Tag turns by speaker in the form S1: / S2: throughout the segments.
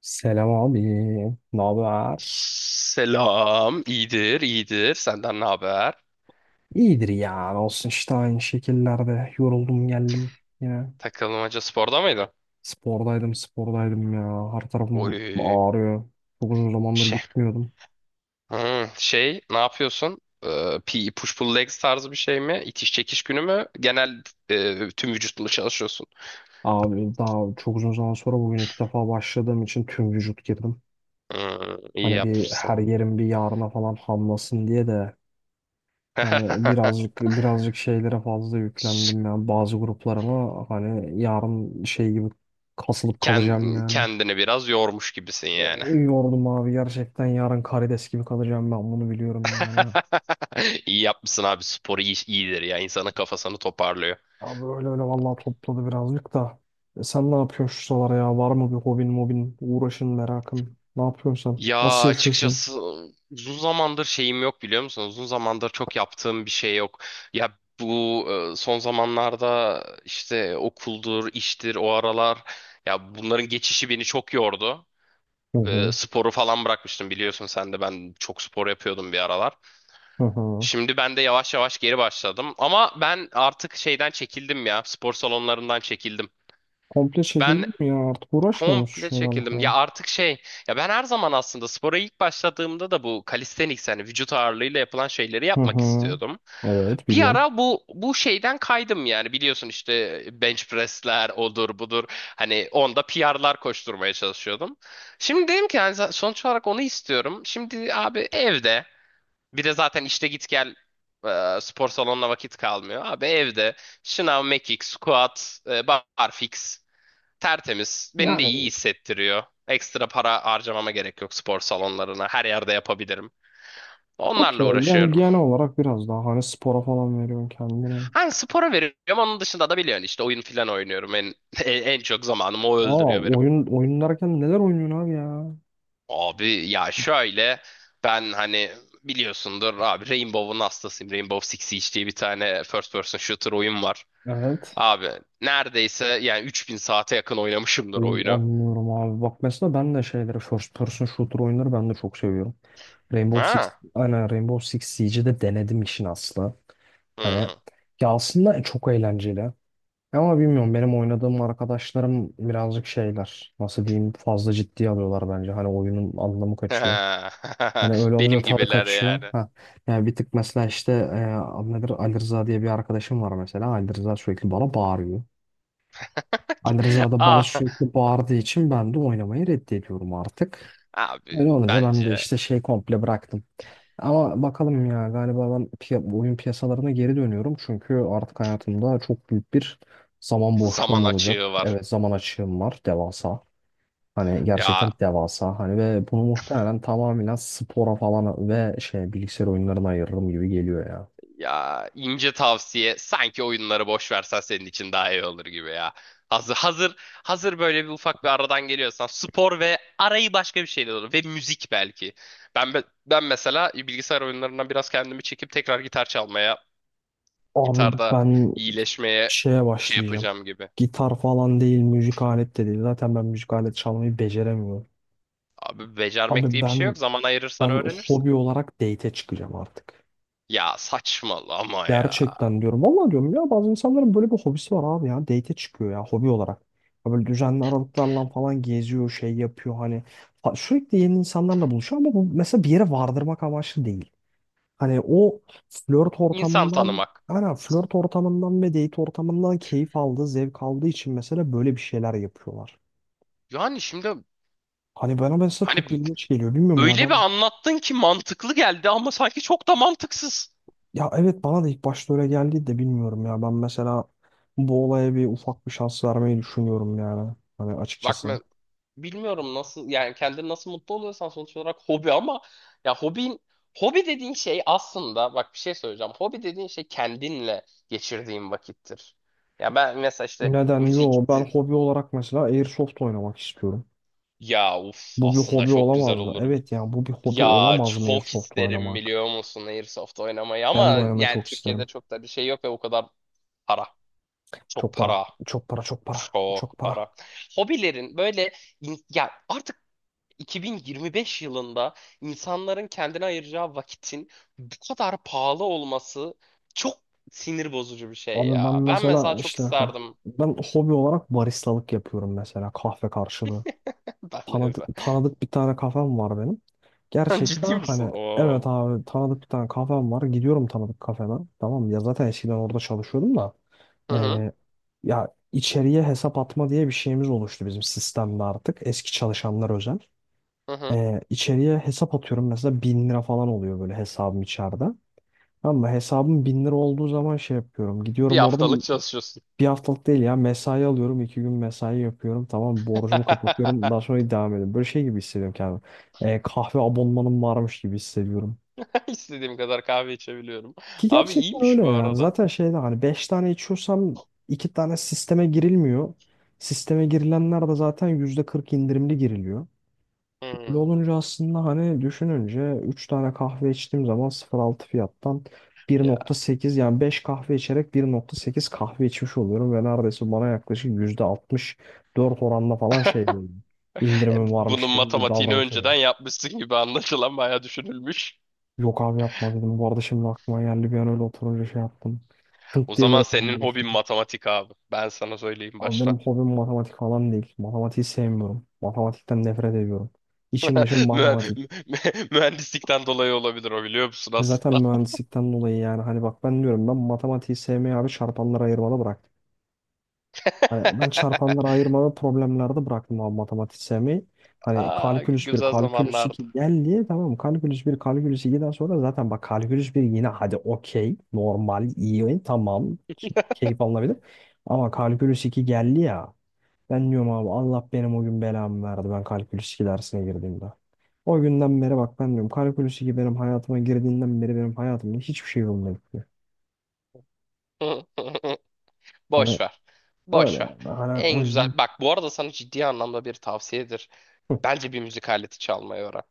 S1: Selam abi. Ne haber?
S2: Selam. İyidir, iyidir. Senden ne haber?
S1: İyidir ya. Ne olsun işte aynı şekillerde. Yoruldum geldim yine.
S2: Takılmaca sporda mıydın?
S1: Spordaydım spordaydım ya. Her tarafım
S2: Oy.
S1: ağrıyor. Çok uzun zamandır
S2: Şey.
S1: gitmiyordum.
S2: Ne yapıyorsun? PE push pull legs tarzı bir şey mi? İtiş çekiş günü mü? Genel, tüm vücutla çalışıyorsun.
S1: Abi daha çok uzun zaman sonra bugün ilk defa başladığım için tüm vücut girdim.
S2: İyi
S1: Hani bir
S2: yapmışsın.
S1: her yerim bir yarına falan hamlasın diye de hani birazcık birazcık şeylere fazla yüklendim ya. Bazı gruplarıma hani yarın şey gibi kasılıp kalacağım
S2: Kend-
S1: yani.
S2: kendini biraz yormuş gibisin yani.
S1: Yordum abi gerçekten yarın karides gibi kalacağım ben bunu biliyorum yani.
S2: İyi yapmışsın abi. Spor iyi, iyidir ya. İnsanın kafasını toparlıyor.
S1: Abi öyle öyle vallahi topladı birazcık da. Sen ne yapıyorsun şu sıralar ya? Var mı bir hobin mobin uğraşın merakın? Ne yapıyorsun sen?
S2: Ya
S1: Nasıl yaşıyorsun?
S2: açıkçası uzun zamandır şeyim yok, biliyor musun? Uzun zamandır çok yaptığım bir şey yok. Ya bu, son zamanlarda işte okuldur, iştir, o aralar ya bunların geçişi beni çok yordu.
S1: Hı hı.
S2: Sporu falan bırakmıştım, biliyorsun sen de, ben çok spor yapıyordum bir aralar.
S1: Hı hı.
S2: Şimdi ben de yavaş yavaş geri başladım, ama ben artık şeyden çekildim, ya spor salonlarından çekildim.
S1: Komple
S2: Ben
S1: çekildin mi ya? Artık uğraşmıyor musun şu
S2: komple
S1: şeylerle
S2: çekildim. Ya
S1: falan?
S2: artık ya ben her zaman aslında spora ilk başladığımda da bu calisthenics yani vücut ağırlığıyla yapılan şeyleri
S1: Hı
S2: yapmak
S1: hı.
S2: istiyordum.
S1: Evet
S2: Bir
S1: biliyorum.
S2: ara bu şeyden kaydım, yani biliyorsun işte bench press'ler odur budur. Hani onda PR'lar koşturmaya çalışıyordum. Şimdi dedim ki yani sonuç olarak onu istiyorum. Şimdi abi evde bir de zaten işte git gel, spor salonuna vakit kalmıyor. Abi evde şınav, mekik, squat, barfix. Tertemiz. Beni de iyi
S1: Yani
S2: hissettiriyor. Ekstra para harcamama gerek yok spor salonlarına. Her yerde yapabilirim. Onlarla
S1: okey yani
S2: uğraşıyorum.
S1: genel olarak biraz daha hani spora falan veriyorsun kendine.
S2: Hani spora veriyorum. Onun dışında da biliyorsun işte oyun falan oynuyorum. En çok zamanımı o
S1: Aa,
S2: öldürüyor benim.
S1: oyun oyun derken neler oynuyorsun abi ya?
S2: Abi ya şöyle ben hani biliyorsundur abi Rainbow'un hastasıyım. Rainbow Six Siege diye bir tane first person shooter oyun var.
S1: Evet.
S2: Abi neredeyse yani 3000 saate yakın oynamışımdır
S1: Oo,
S2: oyunu.
S1: anlıyorum abi. Bak mesela ben de şeyleri first person shooter oyunları ben de çok seviyorum. Rainbow Six,
S2: Ha?
S1: aynen Rainbow Six Siege'i de denedim işin aslı. Hani
S2: Hı.
S1: ya aslında çok eğlenceli. Ama bilmiyorum benim oynadığım arkadaşlarım birazcık şeyler. Nasıl diyeyim fazla ciddiye alıyorlar bence. Hani oyunun anlamı kaçıyor. Hani öyle olunca
S2: Benim
S1: tadı
S2: gibiler
S1: kaçıyor.
S2: yani.
S1: Ha. Yani bir tık mesela işte adı nedir Ali Rıza diye bir arkadaşım var mesela. Ali Rıza sürekli bana bağırıyor. Ali Rıza da bana
S2: Ah,
S1: sürekli bağırdığı için ben de oynamayı reddediyorum artık.
S2: abi
S1: Öyle olunca ben de
S2: bence
S1: işte şey komple bıraktım. Ama bakalım ya galiba ben bu oyun piyasalarına geri dönüyorum. Çünkü artık hayatımda çok büyük bir zaman
S2: zaman
S1: boşluğum
S2: açığı
S1: olacak.
S2: var.
S1: Evet zaman açığım var devasa. Hani gerçekten
S2: Ya
S1: devasa. Hani ve bunu muhtemelen tamamen spora falan ve şey bilgisayar oyunlarına ayırırım gibi geliyor ya.
S2: ya ince tavsiye, sanki oyunları boş versen senin için daha iyi olur gibi ya. Hazır hazır hazır böyle bir ufak bir aradan geliyorsan spor ve arayı başka bir şeyle olur ve müzik belki. Ben mesela bilgisayar oyunlarından biraz kendimi çekip tekrar gitar çalmaya,
S1: Abi
S2: gitarda
S1: ben
S2: iyileşmeye
S1: şeye
S2: şey
S1: başlayacağım.
S2: yapacağım gibi.
S1: Gitar falan değil, müzik alet de değil. Zaten ben müzik alet çalmayı beceremiyorum.
S2: Abi becermek
S1: Abi
S2: diye bir şey
S1: ben
S2: yok. Zaman ayırırsan
S1: ben
S2: öğrenirsin.
S1: hobi olarak date'e çıkacağım artık.
S2: Ya saçmalama ya.
S1: Gerçekten diyorum. Vallahi diyorum ya bazı insanların böyle bir hobisi var abi ya. Date'e çıkıyor ya hobi olarak. Ya böyle düzenli aralıklarla falan geziyor, şey yapıyor hani. Ha, sürekli yeni insanlarla buluşuyor ama bu mesela bir yere vardırmak amaçlı değil. Hani o
S2: İnsan tanımak.
S1: flört ortamından ve date ortamından keyif aldığı, zevk aldığı için mesela böyle bir şeyler yapıyorlar.
S2: Yani şimdi
S1: Hani bana mesela çok
S2: hani
S1: ilginç geliyor. Bilmiyorum ya
S2: öyle bir
S1: ben
S2: anlattın ki mantıklı geldi, ama sanki çok da mantıksız.
S1: ya evet bana da ilk başta öyle geldi de bilmiyorum ya. Ben mesela bu olaya bir ufak bir şans vermeyi düşünüyorum yani. Hani
S2: Bak
S1: açıkçası.
S2: ben bilmiyorum nasıl, yani kendini nasıl mutlu oluyorsan sonuç olarak hobi, ama ya hobin hobi dediğin şey, aslında bak bir şey söyleyeceğim. Hobi dediğin şey kendinle geçirdiğin vakittir. Ya ben mesela işte
S1: Neden? Yo ben
S2: müzikti.
S1: hobi olarak mesela Airsoft oynamak istiyorum.
S2: Ya uf,
S1: Bu bir
S2: aslında
S1: hobi
S2: çok güzel
S1: olamaz mı?
S2: olur.
S1: Evet yani bu bir hobi
S2: Ya
S1: olamaz mı
S2: çok
S1: Airsoft
S2: isterim,
S1: oynamak?
S2: biliyor musun Airsoft oynamayı, ama
S1: Ben de oynamayı
S2: yani
S1: çok
S2: Türkiye'de
S1: isterim.
S2: çok da bir şey yok ve o kadar para. Çok
S1: Çok para.
S2: para.
S1: Çok para, çok para. Çok
S2: Çok
S1: para.
S2: para. Hobilerin böyle ya artık 2025 yılında insanların kendine ayıracağı vakitin bu kadar pahalı olması çok sinir bozucu bir şey
S1: Abi ben
S2: ya. Ben mesela
S1: mesela
S2: çok
S1: işte ha,
S2: isterdim.
S1: ben hobi olarak baristalık yapıyorum mesela kahve karşılığı.
S2: Ben
S1: Tanıdık,
S2: de
S1: tanıdık bir tane kafem var benim.
S2: ben. Ciddi
S1: Gerçekten
S2: misin?
S1: hani evet
S2: Oo.
S1: abi tanıdık bir tane kafem var. Gidiyorum tanıdık kafeme. Tamam mı? Ya zaten eskiden orada çalışıyordum da.
S2: Hı hı.
S1: Ee, ya içeriye hesap atma diye bir şeyimiz oluştu bizim sistemde artık. Eski çalışanlar özel.
S2: Hı hı.
S1: İçeriye hesap atıyorum mesela 1.000 lira falan oluyor böyle hesabım içeride. Tamam mı? Hesabım 1.000 lira olduğu zaman şey yapıyorum.
S2: Bir
S1: Gidiyorum orada
S2: haftalık çalışıyorsun.
S1: bir haftalık değil ya mesai alıyorum. İki gün mesai yapıyorum. Tamam mı? Borcumu kapatıyorum. Daha sonra devam ediyorum. Böyle şey gibi hissediyorum kendimi. Kahve abonmanım varmış gibi hissediyorum.
S2: İstediğim kadar kahve içebiliyorum.
S1: Ki
S2: Abi
S1: gerçekten
S2: iyiymiş
S1: öyle
S2: bu
S1: yani.
S2: arada.
S1: Zaten şeyde hani 5 tane içiyorsam 2 tane sisteme girilmiyor. Sisteme girilenler de zaten %40 indirimli giriliyor. Öyle
S2: Hmm.
S1: olunca aslında hani düşününce 3 tane kahve içtiğim zaman 0,6 fiyattan bir
S2: Ya.
S1: nokta sekiz yani 5 kahve içerek 1,8 kahve içmiş oluyorum ve neredeyse bana yaklaşık %64 oranla falan şey böyle indirimim varmış
S2: Bunun
S1: gibi bir
S2: matematiğini
S1: davranış veriyor.
S2: önceden yapmışsın gibi, anlaşılan bayağı düşünülmüş.
S1: Yok abi yapma dedim. Bu arada şimdi aklıma geldi bir an öyle oturunca şey yaptım.
S2: O
S1: Tınk diye
S2: zaman
S1: böyle
S2: senin
S1: kafama düştü.
S2: hobin matematik abi. Ben sana söyleyeyim
S1: Abi
S2: baştan.
S1: benim hobim matematik falan değil. Matematiği sevmiyorum. Matematikten nefret ediyorum. İçim dışım
S2: Mühe-
S1: matematik.
S2: Mühendislikten dolayı olabilir o, biliyor musun
S1: Biz zaten
S2: aslında?
S1: mühendislikten dolayı yani hani bak ben diyorum ben matematiği sevmeyi abi çarpanlara ayırmalı bıraktım. Hani ben çarpanlara ayırma ve problemlerde bıraktım abi matematiği sevmeyi. Hani
S2: Aa,
S1: kalkülüs bir
S2: güzel
S1: kalkülüs
S2: zamanlardı.
S1: 2 geldi tamam mı? Kalkülüs bir kalkülüs iki'den sonra zaten bak kalkülüs bir yine hadi okey normal iyi tamam keyif alınabilir. Ama kalkülüs 2 geldi ya ben diyorum abi Allah benim o gün belamı verdi ben kalkülüs 2 dersine girdiğimde. O günden beri bak ben diyorum kara kulesi gibi benim hayatıma girdiğinden beri benim hayatımda hiçbir şey yolunda gitmiyor. Hani
S2: Boş ver.
S1: öyle
S2: Boş ver.
S1: yani. Hani o
S2: En güzel.
S1: yüzden.
S2: Bak bu arada sana ciddi anlamda bir tavsiyedir.
S1: Hı.
S2: Bence bir müzik aleti çalmayı öğren.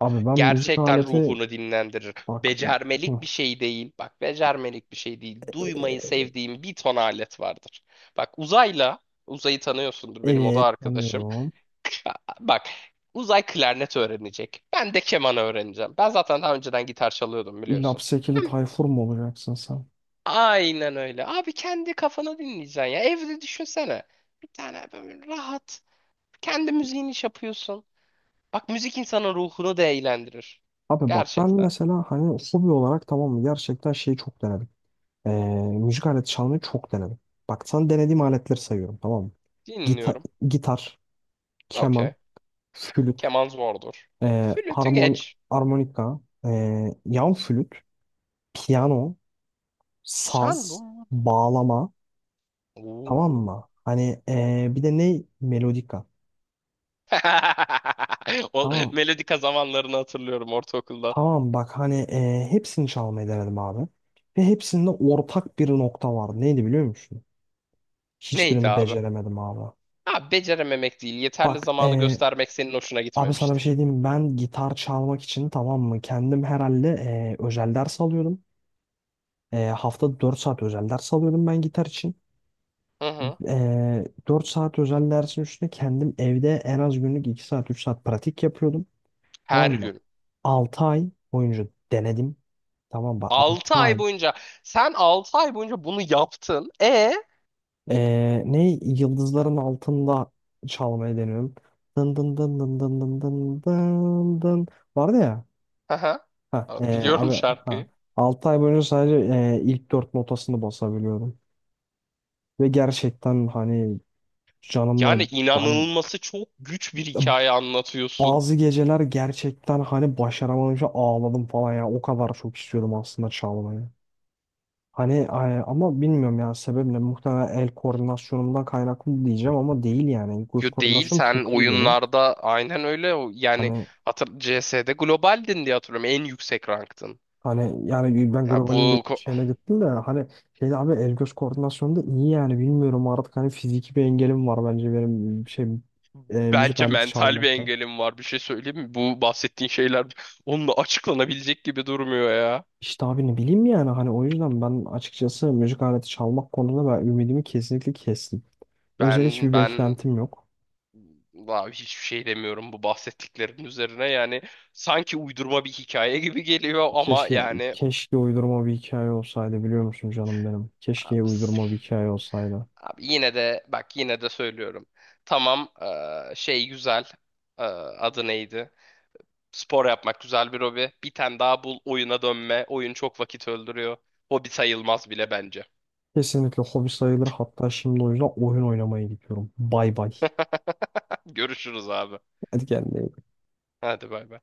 S1: Abi ben müzik
S2: Gerçekten
S1: aleti
S2: ruhunu dinlendirir.
S1: bak,
S2: Becermelik
S1: hı,
S2: bir şey değil. Bak becermelik bir şey değil. Duymayı sevdiğim bir ton alet vardır. Bak uzayla, uzayı tanıyorsundur, benim oda
S1: evet
S2: arkadaşım.
S1: tanıyorum.
S2: Bak uzay klarnet öğrenecek. Ben de keman öğreneceğim. Ben zaten daha önceden gitar çalıyordum, biliyorsun.
S1: Lapsekili Tayfur mu olacaksın sen?
S2: Aynen öyle. Abi kendi kafana dinleyeceksin ya. Evde düşünsene. Bir tane böyle rahat. Kendi müziğini iş yapıyorsun. Bak müzik insanın ruhunu da eğlendirir.
S1: Abi bak ben
S2: Gerçekten.
S1: mesela hani hobi olarak tamam mı gerçekten şeyi çok denedim. Ee, müzik aleti çalmayı çok denedim. Bak sana denediğim aletleri sayıyorum tamam mı? Gita
S2: Dinliyorum.
S1: gitar, keman,
S2: Okey.
S1: flüt,
S2: Keman zordur.
S1: ee,
S2: Flütü
S1: harmon
S2: geç.
S1: harmonika, yan flüt. Piyano, saz,
S2: Sandun.
S1: bağlama tamam
S2: Oo.
S1: mı? Hani bir de ne? Melodika.
S2: O
S1: Tamam.
S2: melodika zamanlarını hatırlıyorum ortaokulda.
S1: Tamam bak hani hepsini çalmayı denedim abi. Ve hepsinde ortak bir nokta vardı. Neydi biliyor musun?
S2: Neydi
S1: Hiçbirini
S2: abi?
S1: beceremedim abi.
S2: Abi becerememek değil. Yeterli
S1: Bak
S2: zamanı göstermek senin hoşuna
S1: abi sana bir
S2: gitmemiştir.
S1: şey diyeyim. Mi? Ben gitar çalmak için tamam mı? Kendim herhalde özel ders alıyordum. Haftada 4 saat özel ders alıyordum ben gitar için.
S2: Hı hı.
S1: 4 saat özel dersin üstüne kendim evde en az günlük 2 saat 3 saat pratik yapıyordum.
S2: Her
S1: Tamam mı?
S2: gün.
S1: 6 ay boyunca denedim. Tamam mı? 6
S2: 6 ay
S1: ay.
S2: boyunca. Sen 6 ay boyunca bunu yaptın. E?
S1: Ne? Yıldızların altında çalmayı deniyorum. Dın dın dın dın dın dın dın dın dın. Vardı ya.
S2: Hı hı.
S1: Ha,
S2: Abi
S1: abi
S2: biliyorum
S1: ha.
S2: şarkıyı.
S1: 6 ay boyunca sadece ilk 4 notasını basabiliyordum. Ve gerçekten hani
S2: Yani
S1: canımla hani
S2: inanılması çok güç bir hikaye anlatıyorsun.
S1: bazı geceler gerçekten hani başaramayınca ağladım falan ya. O kadar çok istiyordum aslında çalmayı. Hani ama bilmiyorum ya sebep ne? Muhtemelen el koordinasyonumdan kaynaklı diyeceğim ama değil yani. Göz
S2: Yo değil,
S1: koordinasyonum
S2: sen
S1: çok iyi benim.
S2: oyunlarda aynen öyle yani
S1: Hani
S2: CS'de globaldin diye hatırlıyorum, en yüksek ranktın.
S1: hani yani ben
S2: Ya
S1: globalin de
S2: bu ko-
S1: şeyine gittim de hani şeyde abi el göz koordinasyonu da iyi yani bilmiyorum artık hani fiziki bir engelim var bence benim şey müzik
S2: Bence
S1: aleti
S2: mental bir
S1: çalmakta.
S2: engelim var, bir şey söyleyeyim mi? Bu bahsettiğin şeyler onunla açıklanabilecek gibi durmuyor ya.
S1: İşte abi ne bileyim yani hani o yüzden ben açıkçası müzik aleti çalmak konusunda ben ümidimi kesinlikle kestim. Özel
S2: Ben
S1: hiçbir
S2: ben
S1: beklentim yok.
S2: abi hiçbir şey demiyorum bu bahsettiklerin üzerine, yani sanki uydurma bir hikaye gibi geliyor ama
S1: Keşke
S2: yani
S1: keşke uydurma bir hikaye olsaydı biliyor musun canım benim? Keşke
S2: abi,
S1: uydurma bir hikaye olsaydı.
S2: abi yine de bak, yine de söylüyorum. Tamam, güzel eee, adı neydi? Spor yapmak güzel bir hobi. Bir tane daha bul, oyuna dönme. Oyun çok vakit öldürüyor. Hobi sayılmaz bile bence.
S1: Kesinlikle hobi sayılır hatta şimdi o yüzden oyun oynamaya gidiyorum. Bay bay.
S2: Görüşürüz abi.
S1: Hadi kendine iyi bak.
S2: Hadi bay bay.